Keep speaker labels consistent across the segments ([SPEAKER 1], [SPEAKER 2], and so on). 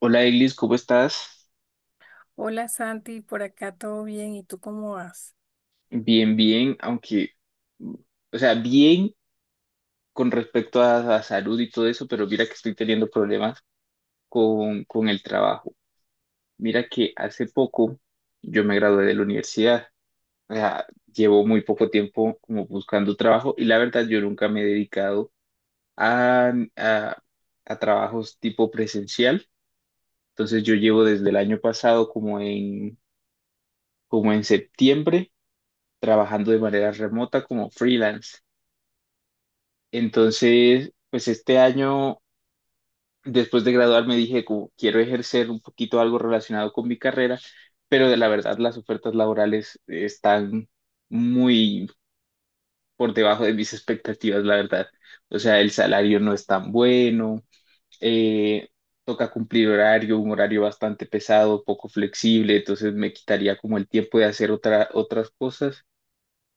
[SPEAKER 1] Hola Eglis, ¿cómo estás?
[SPEAKER 2] Hola Santi, por acá todo bien, ¿y tú cómo vas?
[SPEAKER 1] Bien, bien, aunque, mm, o sea, bien con respecto a salud y todo eso, pero mira que estoy teniendo problemas con el trabajo. Mira que hace poco yo me gradué de la universidad, o sea, llevo muy poco tiempo como buscando trabajo y la verdad yo nunca me he dedicado a, a, a trabajos tipo presencial. Entonces yo llevo desde el año pasado como en septiembre trabajando de manera remota como freelance. Entonces, pues este año, después de graduarme, dije, Quiero ejercer un poquito algo relacionado con mi carrera, pero de la verdad las ofertas laborales están muy por debajo de mis expectativas, la verdad. O sea, el salario no es tan bueno, eh, toca cumplir horario, un horario bastante pesado, poco flexible, entonces me quitaría como el tiempo de hacer otras cosas.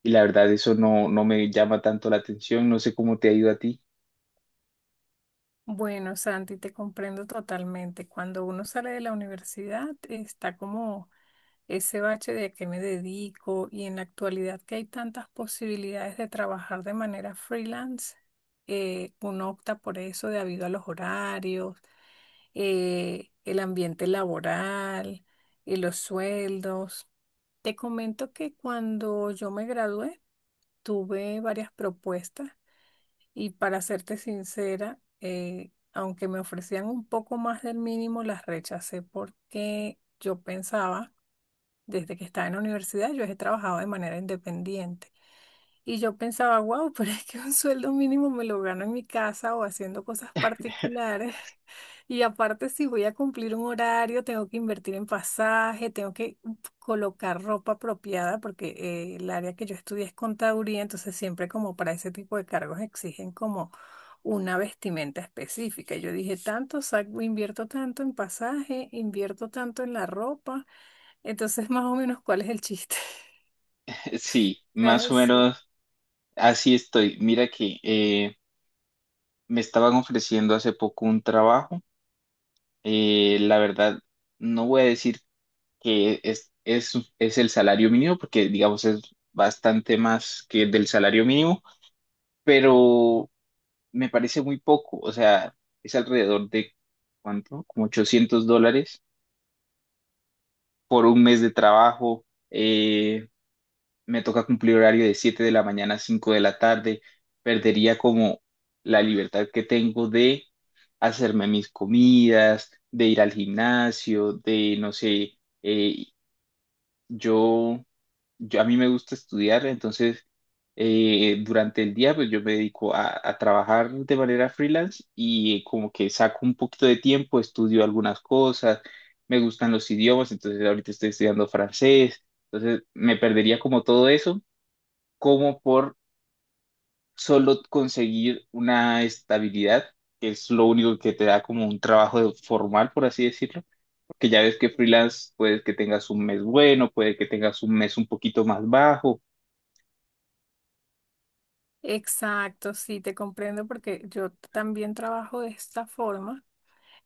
[SPEAKER 1] Y la verdad, eso no me llama tanto la atención. No sé cómo te ha ido a ti.
[SPEAKER 2] Bueno, Santi, te comprendo totalmente. Cuando uno sale de la universidad está como ese bache de a qué me dedico y en la actualidad que hay tantas posibilidades de trabajar de manera freelance, uno opta por eso debido a los horarios, el ambiente laboral y los sueldos. Te comento que cuando yo me gradué tuve varias propuestas. Y para serte sincera, aunque me ofrecían un poco más del mínimo, las rechacé porque yo pensaba, desde que estaba en la universidad, yo he trabajado de manera independiente. Y yo pensaba, wow, pero es que un sueldo mínimo me lo gano en mi casa o haciendo cosas particulares. Y aparte, si voy a cumplir un horario, tengo que invertir en pasaje, tengo que colocar ropa apropiada, porque el área que yo estudié es contaduría, entonces siempre como para ese tipo de cargos exigen como una vestimenta específica. Yo dije, tanto, saco, invierto tanto en pasaje, invierto tanto en la ropa, entonces más o menos, ¿cuál es el chiste?
[SPEAKER 1] Sí,
[SPEAKER 2] O
[SPEAKER 1] más
[SPEAKER 2] sea,
[SPEAKER 1] o
[SPEAKER 2] sí,
[SPEAKER 1] menos. Así estoy. Mira que me estaban ofreciendo hace poco un trabajo. La verdad, no voy a decir que es el salario mínimo, porque digamos es bastante más que el del salario mínimo, pero me parece muy poco. O sea, es alrededor de, ¿cuánto? Como $800 por un mes de trabajo. Me toca cumplir horario de 7 de la mañana a 5 de la tarde, perdería como la libertad que tengo de hacerme mis comidas, de ir al gimnasio, de, no sé, yo, a mí me gusta estudiar, entonces durante el día pues yo me dedico a trabajar de manera freelance y como que saco un poquito de tiempo, estudio algunas cosas, me gustan los idiomas, entonces ahorita estoy estudiando francés, entonces me perdería como todo eso como por solo conseguir una estabilidad, que es lo único que te da como un trabajo formal, por así decirlo, porque ya ves que freelance puede que tengas un mes bueno, puede que tengas un mes un poquito más bajo.
[SPEAKER 2] exacto, sí, te comprendo porque yo también trabajo de esta forma.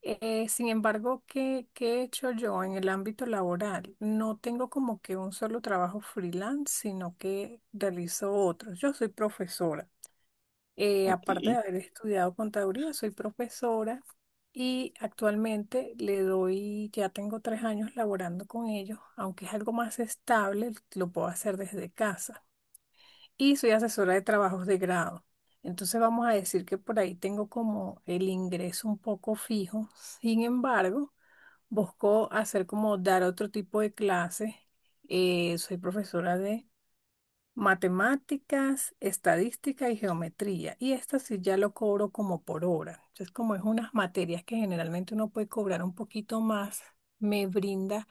[SPEAKER 2] Sin embargo, ¿qué he hecho yo en el ámbito laboral? No tengo como que un solo trabajo freelance, sino que realizo otros. Yo soy profesora. Aparte de
[SPEAKER 1] Ok,
[SPEAKER 2] haber estudiado contaduría, soy profesora y actualmente le doy, ya tengo 3 años laborando con ellos, aunque es algo más estable, lo puedo hacer desde casa y soy asesora de trabajos de grado. Entonces vamos a decir que por ahí tengo como el ingreso un poco fijo. Sin embargo, busco hacer como dar otro tipo de clases. Soy profesora de matemáticas, estadística y geometría. Y esta sí ya lo cobro como por hora. Entonces, como es unas materias que generalmente uno puede cobrar un poquito más, me brinda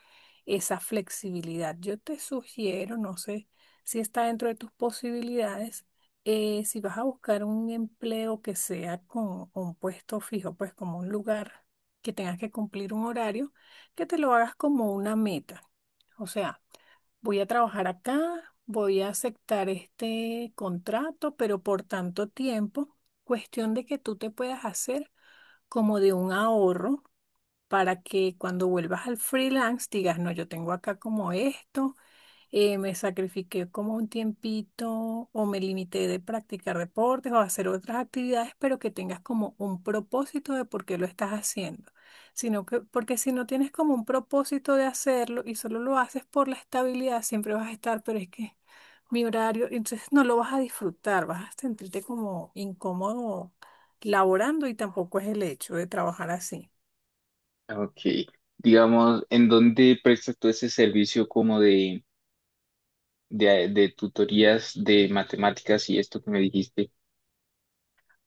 [SPEAKER 2] esa flexibilidad. Yo te sugiero, no sé si está dentro de tus posibilidades, si vas a buscar un empleo que sea con un puesto fijo, pues como un lugar que tengas que cumplir un horario, que te lo hagas como una meta. O sea, voy a trabajar acá, voy a aceptar este contrato, pero por tanto tiempo, cuestión de que tú te puedas hacer como de un ahorro para que cuando vuelvas al freelance digas, no, yo tengo acá como esto. Me sacrifiqué como un tiempito o me limité de practicar deportes o hacer otras actividades, pero que tengas como un propósito de por qué lo estás haciendo. Sino que, porque si no tienes como un propósito de hacerlo y solo lo haces por la estabilidad, siempre vas a estar, pero es que mi horario, entonces no lo vas a disfrutar, vas a sentirte como incómodo laborando y tampoco es el hecho de trabajar así.
[SPEAKER 1] ok, digamos, ¿en dónde prestas tú ese servicio como de tutorías de matemáticas y esto que me dijiste?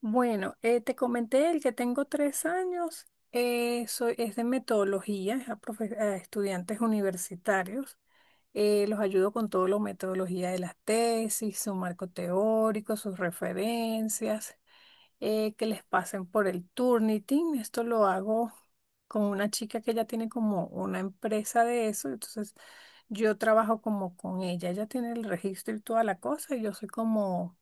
[SPEAKER 2] Bueno, te comenté el que tengo 3 años, es de metodología, a estudiantes universitarios. Los ayudo con toda la metodología de las tesis, su marco teórico, sus referencias, que les pasen por el Turnitin. Esto lo hago con una chica que ya tiene como una empresa de eso, entonces yo trabajo como con ella. Ella tiene el registro y toda la cosa y yo soy como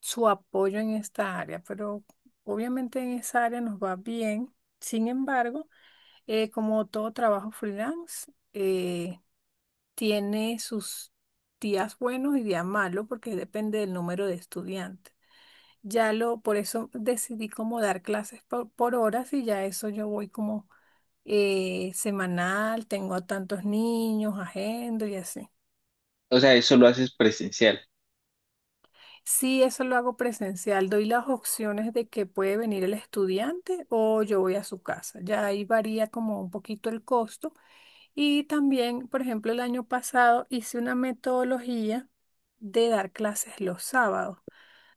[SPEAKER 2] su apoyo en esta área, pero obviamente en esa área nos va bien. Sin embargo, como todo trabajo freelance, tiene sus días buenos y días malos porque depende del número de estudiantes. Ya lo, por eso decidí como dar clases por horas y ya eso yo voy como semanal, tengo a tantos niños, agendo y así.
[SPEAKER 1] O sea, ¿eso lo haces presencial?
[SPEAKER 2] Sí, eso lo hago presencial. Doy las opciones de que puede venir el estudiante o yo voy a su casa. Ya ahí varía como un poquito el costo. Y también, por ejemplo, el año pasado hice una metodología de dar clases los sábados.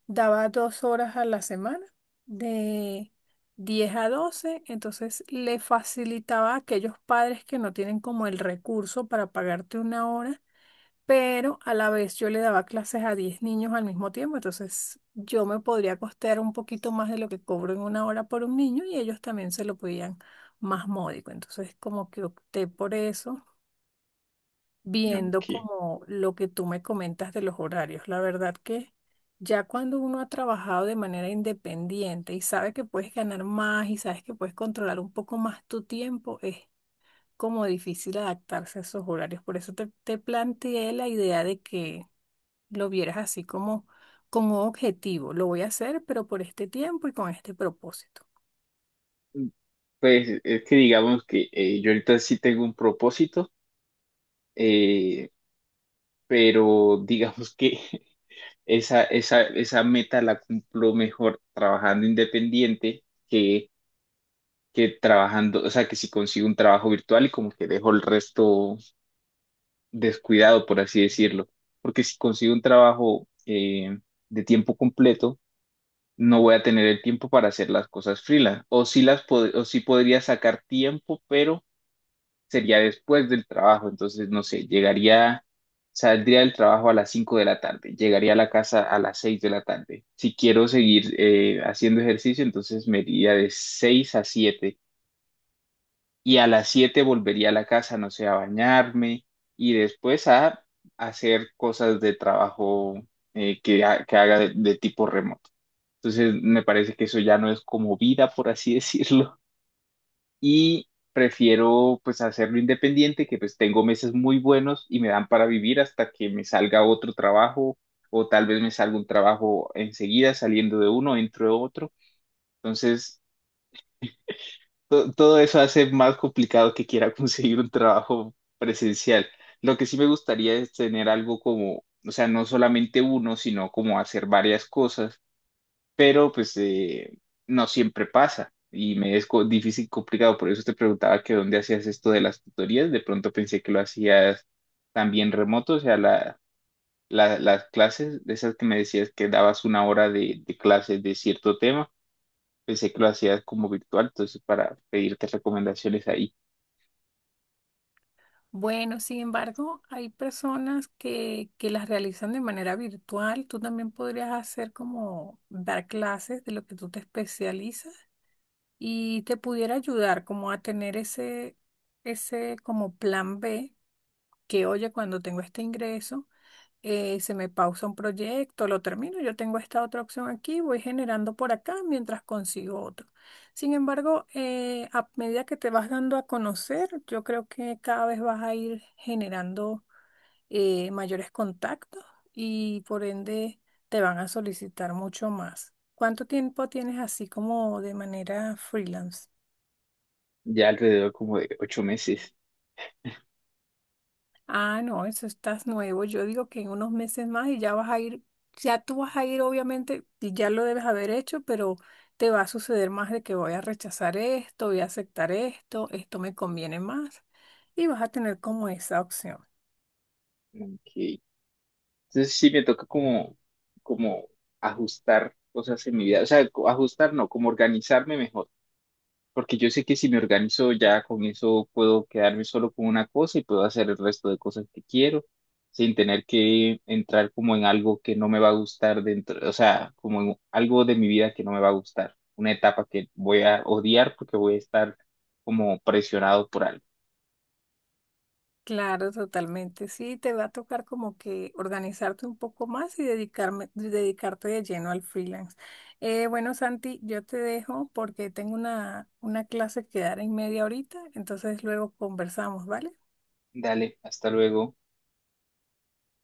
[SPEAKER 2] Daba 2 horas a la semana, de 10 a 12. Entonces le facilitaba a aquellos padres que no tienen como el recurso para pagarte una hora pero a la vez yo le daba clases a 10 niños al mismo tiempo, entonces yo me podría costear un poquito más de lo que cobro en una hora por un niño y ellos también se lo podían más módico. Entonces como que opté por eso, viendo
[SPEAKER 1] Ok.
[SPEAKER 2] como lo que tú me comentas de los horarios. La verdad que ya cuando uno ha trabajado de manera independiente y sabe que puedes ganar más y sabes que puedes controlar un poco más tu tiempo, es como difícil adaptarse a esos horarios. Por eso te planteé la idea de que lo vieras así como, como objetivo. Lo voy a hacer, pero por este tiempo y con este propósito.
[SPEAKER 1] Pues es que digamos que yo ahorita sí tengo un propósito. Eh, pero digamos que esa meta la cumplo mejor trabajando independiente que, que trabajando, o sea, que si consigo un trabajo virtual y como que dejo el resto descuidado, por así decirlo. Porque si consigo un trabajo de tiempo completo, no voy a tener el tiempo para hacer las cosas freelance. O sí podría sacar tiempo, pero sería después del trabajo, entonces no sé, llegaría, saldría del trabajo a las 5 de la tarde, llegaría a la casa a las 6 de la tarde. Si quiero seguir haciendo ejercicio, entonces me iría de 6 a 7 y a las 7 volvería a la casa, no sé, a bañarme y después a hacer cosas de trabajo que haga de tipo remoto. Entonces me parece que eso ya no es como vida, por así decirlo y prefiero pues hacerlo independiente, que pues tengo meses muy buenos y me dan para vivir hasta que me salga otro trabajo o tal vez me salga un trabajo enseguida saliendo de uno, entro de otro. Entonces, todo eso hace más complicado que quiera conseguir un trabajo presencial. Lo que sí me gustaría es tener algo como, o sea, no solamente uno, sino como hacer varias cosas, pero pues no siempre pasa y me es difícil, y complicado. Por eso te preguntaba que dónde hacías esto de las tutorías. De pronto pensé que lo hacías también remoto, o sea, las clases, de esas que me decías que dabas una hora de clases de cierto tema, pensé que lo hacías como virtual, entonces para pedirte recomendaciones ahí,
[SPEAKER 2] Bueno, sin embargo, hay personas que las realizan de manera virtual. Tú también podrías hacer como dar clases de lo que tú te especializas y te pudiera ayudar como a tener ese, ese como plan B, que oye, cuando tengo este ingreso. Se me pausa un proyecto, lo termino, yo tengo esta otra opción aquí, voy generando por acá mientras consigo otro. Sin embargo, a medida que te vas dando a conocer, yo creo que cada vez vas a ir generando mayores contactos y por ende te van a solicitar mucho más. ¿Cuánto tiempo tienes así como de manera freelance?
[SPEAKER 1] ya alrededor como de 8 meses.
[SPEAKER 2] Ah, no, eso estás nuevo. Yo digo que en unos meses más y ya vas a ir, ya tú vas a ir, obviamente, y ya lo debes haber hecho, pero te va a suceder más de que voy a rechazar esto, voy a aceptar esto, esto me conviene más, y vas a tener como esa opción.
[SPEAKER 1] Ok. Entonces sí me toca como, como ajustar cosas en mi vida, o sea, ajustar no, como organizarme mejor. Porque yo sé que si me organizo ya con eso puedo quedarme solo con una cosa y puedo hacer el resto de cosas que quiero sin tener que entrar como en algo que no me va a gustar dentro, o sea, como en algo de mi vida que no me va a gustar, una etapa que voy a odiar porque voy a estar como presionado por algo.
[SPEAKER 2] Claro, totalmente. Sí, te va a tocar como que organizarte un poco más y dedicarme, dedicarte de lleno al freelance. Bueno, Santi, yo te dejo porque tengo una clase que dar en media horita, entonces luego conversamos, ¿vale?
[SPEAKER 1] Dale, hasta luego.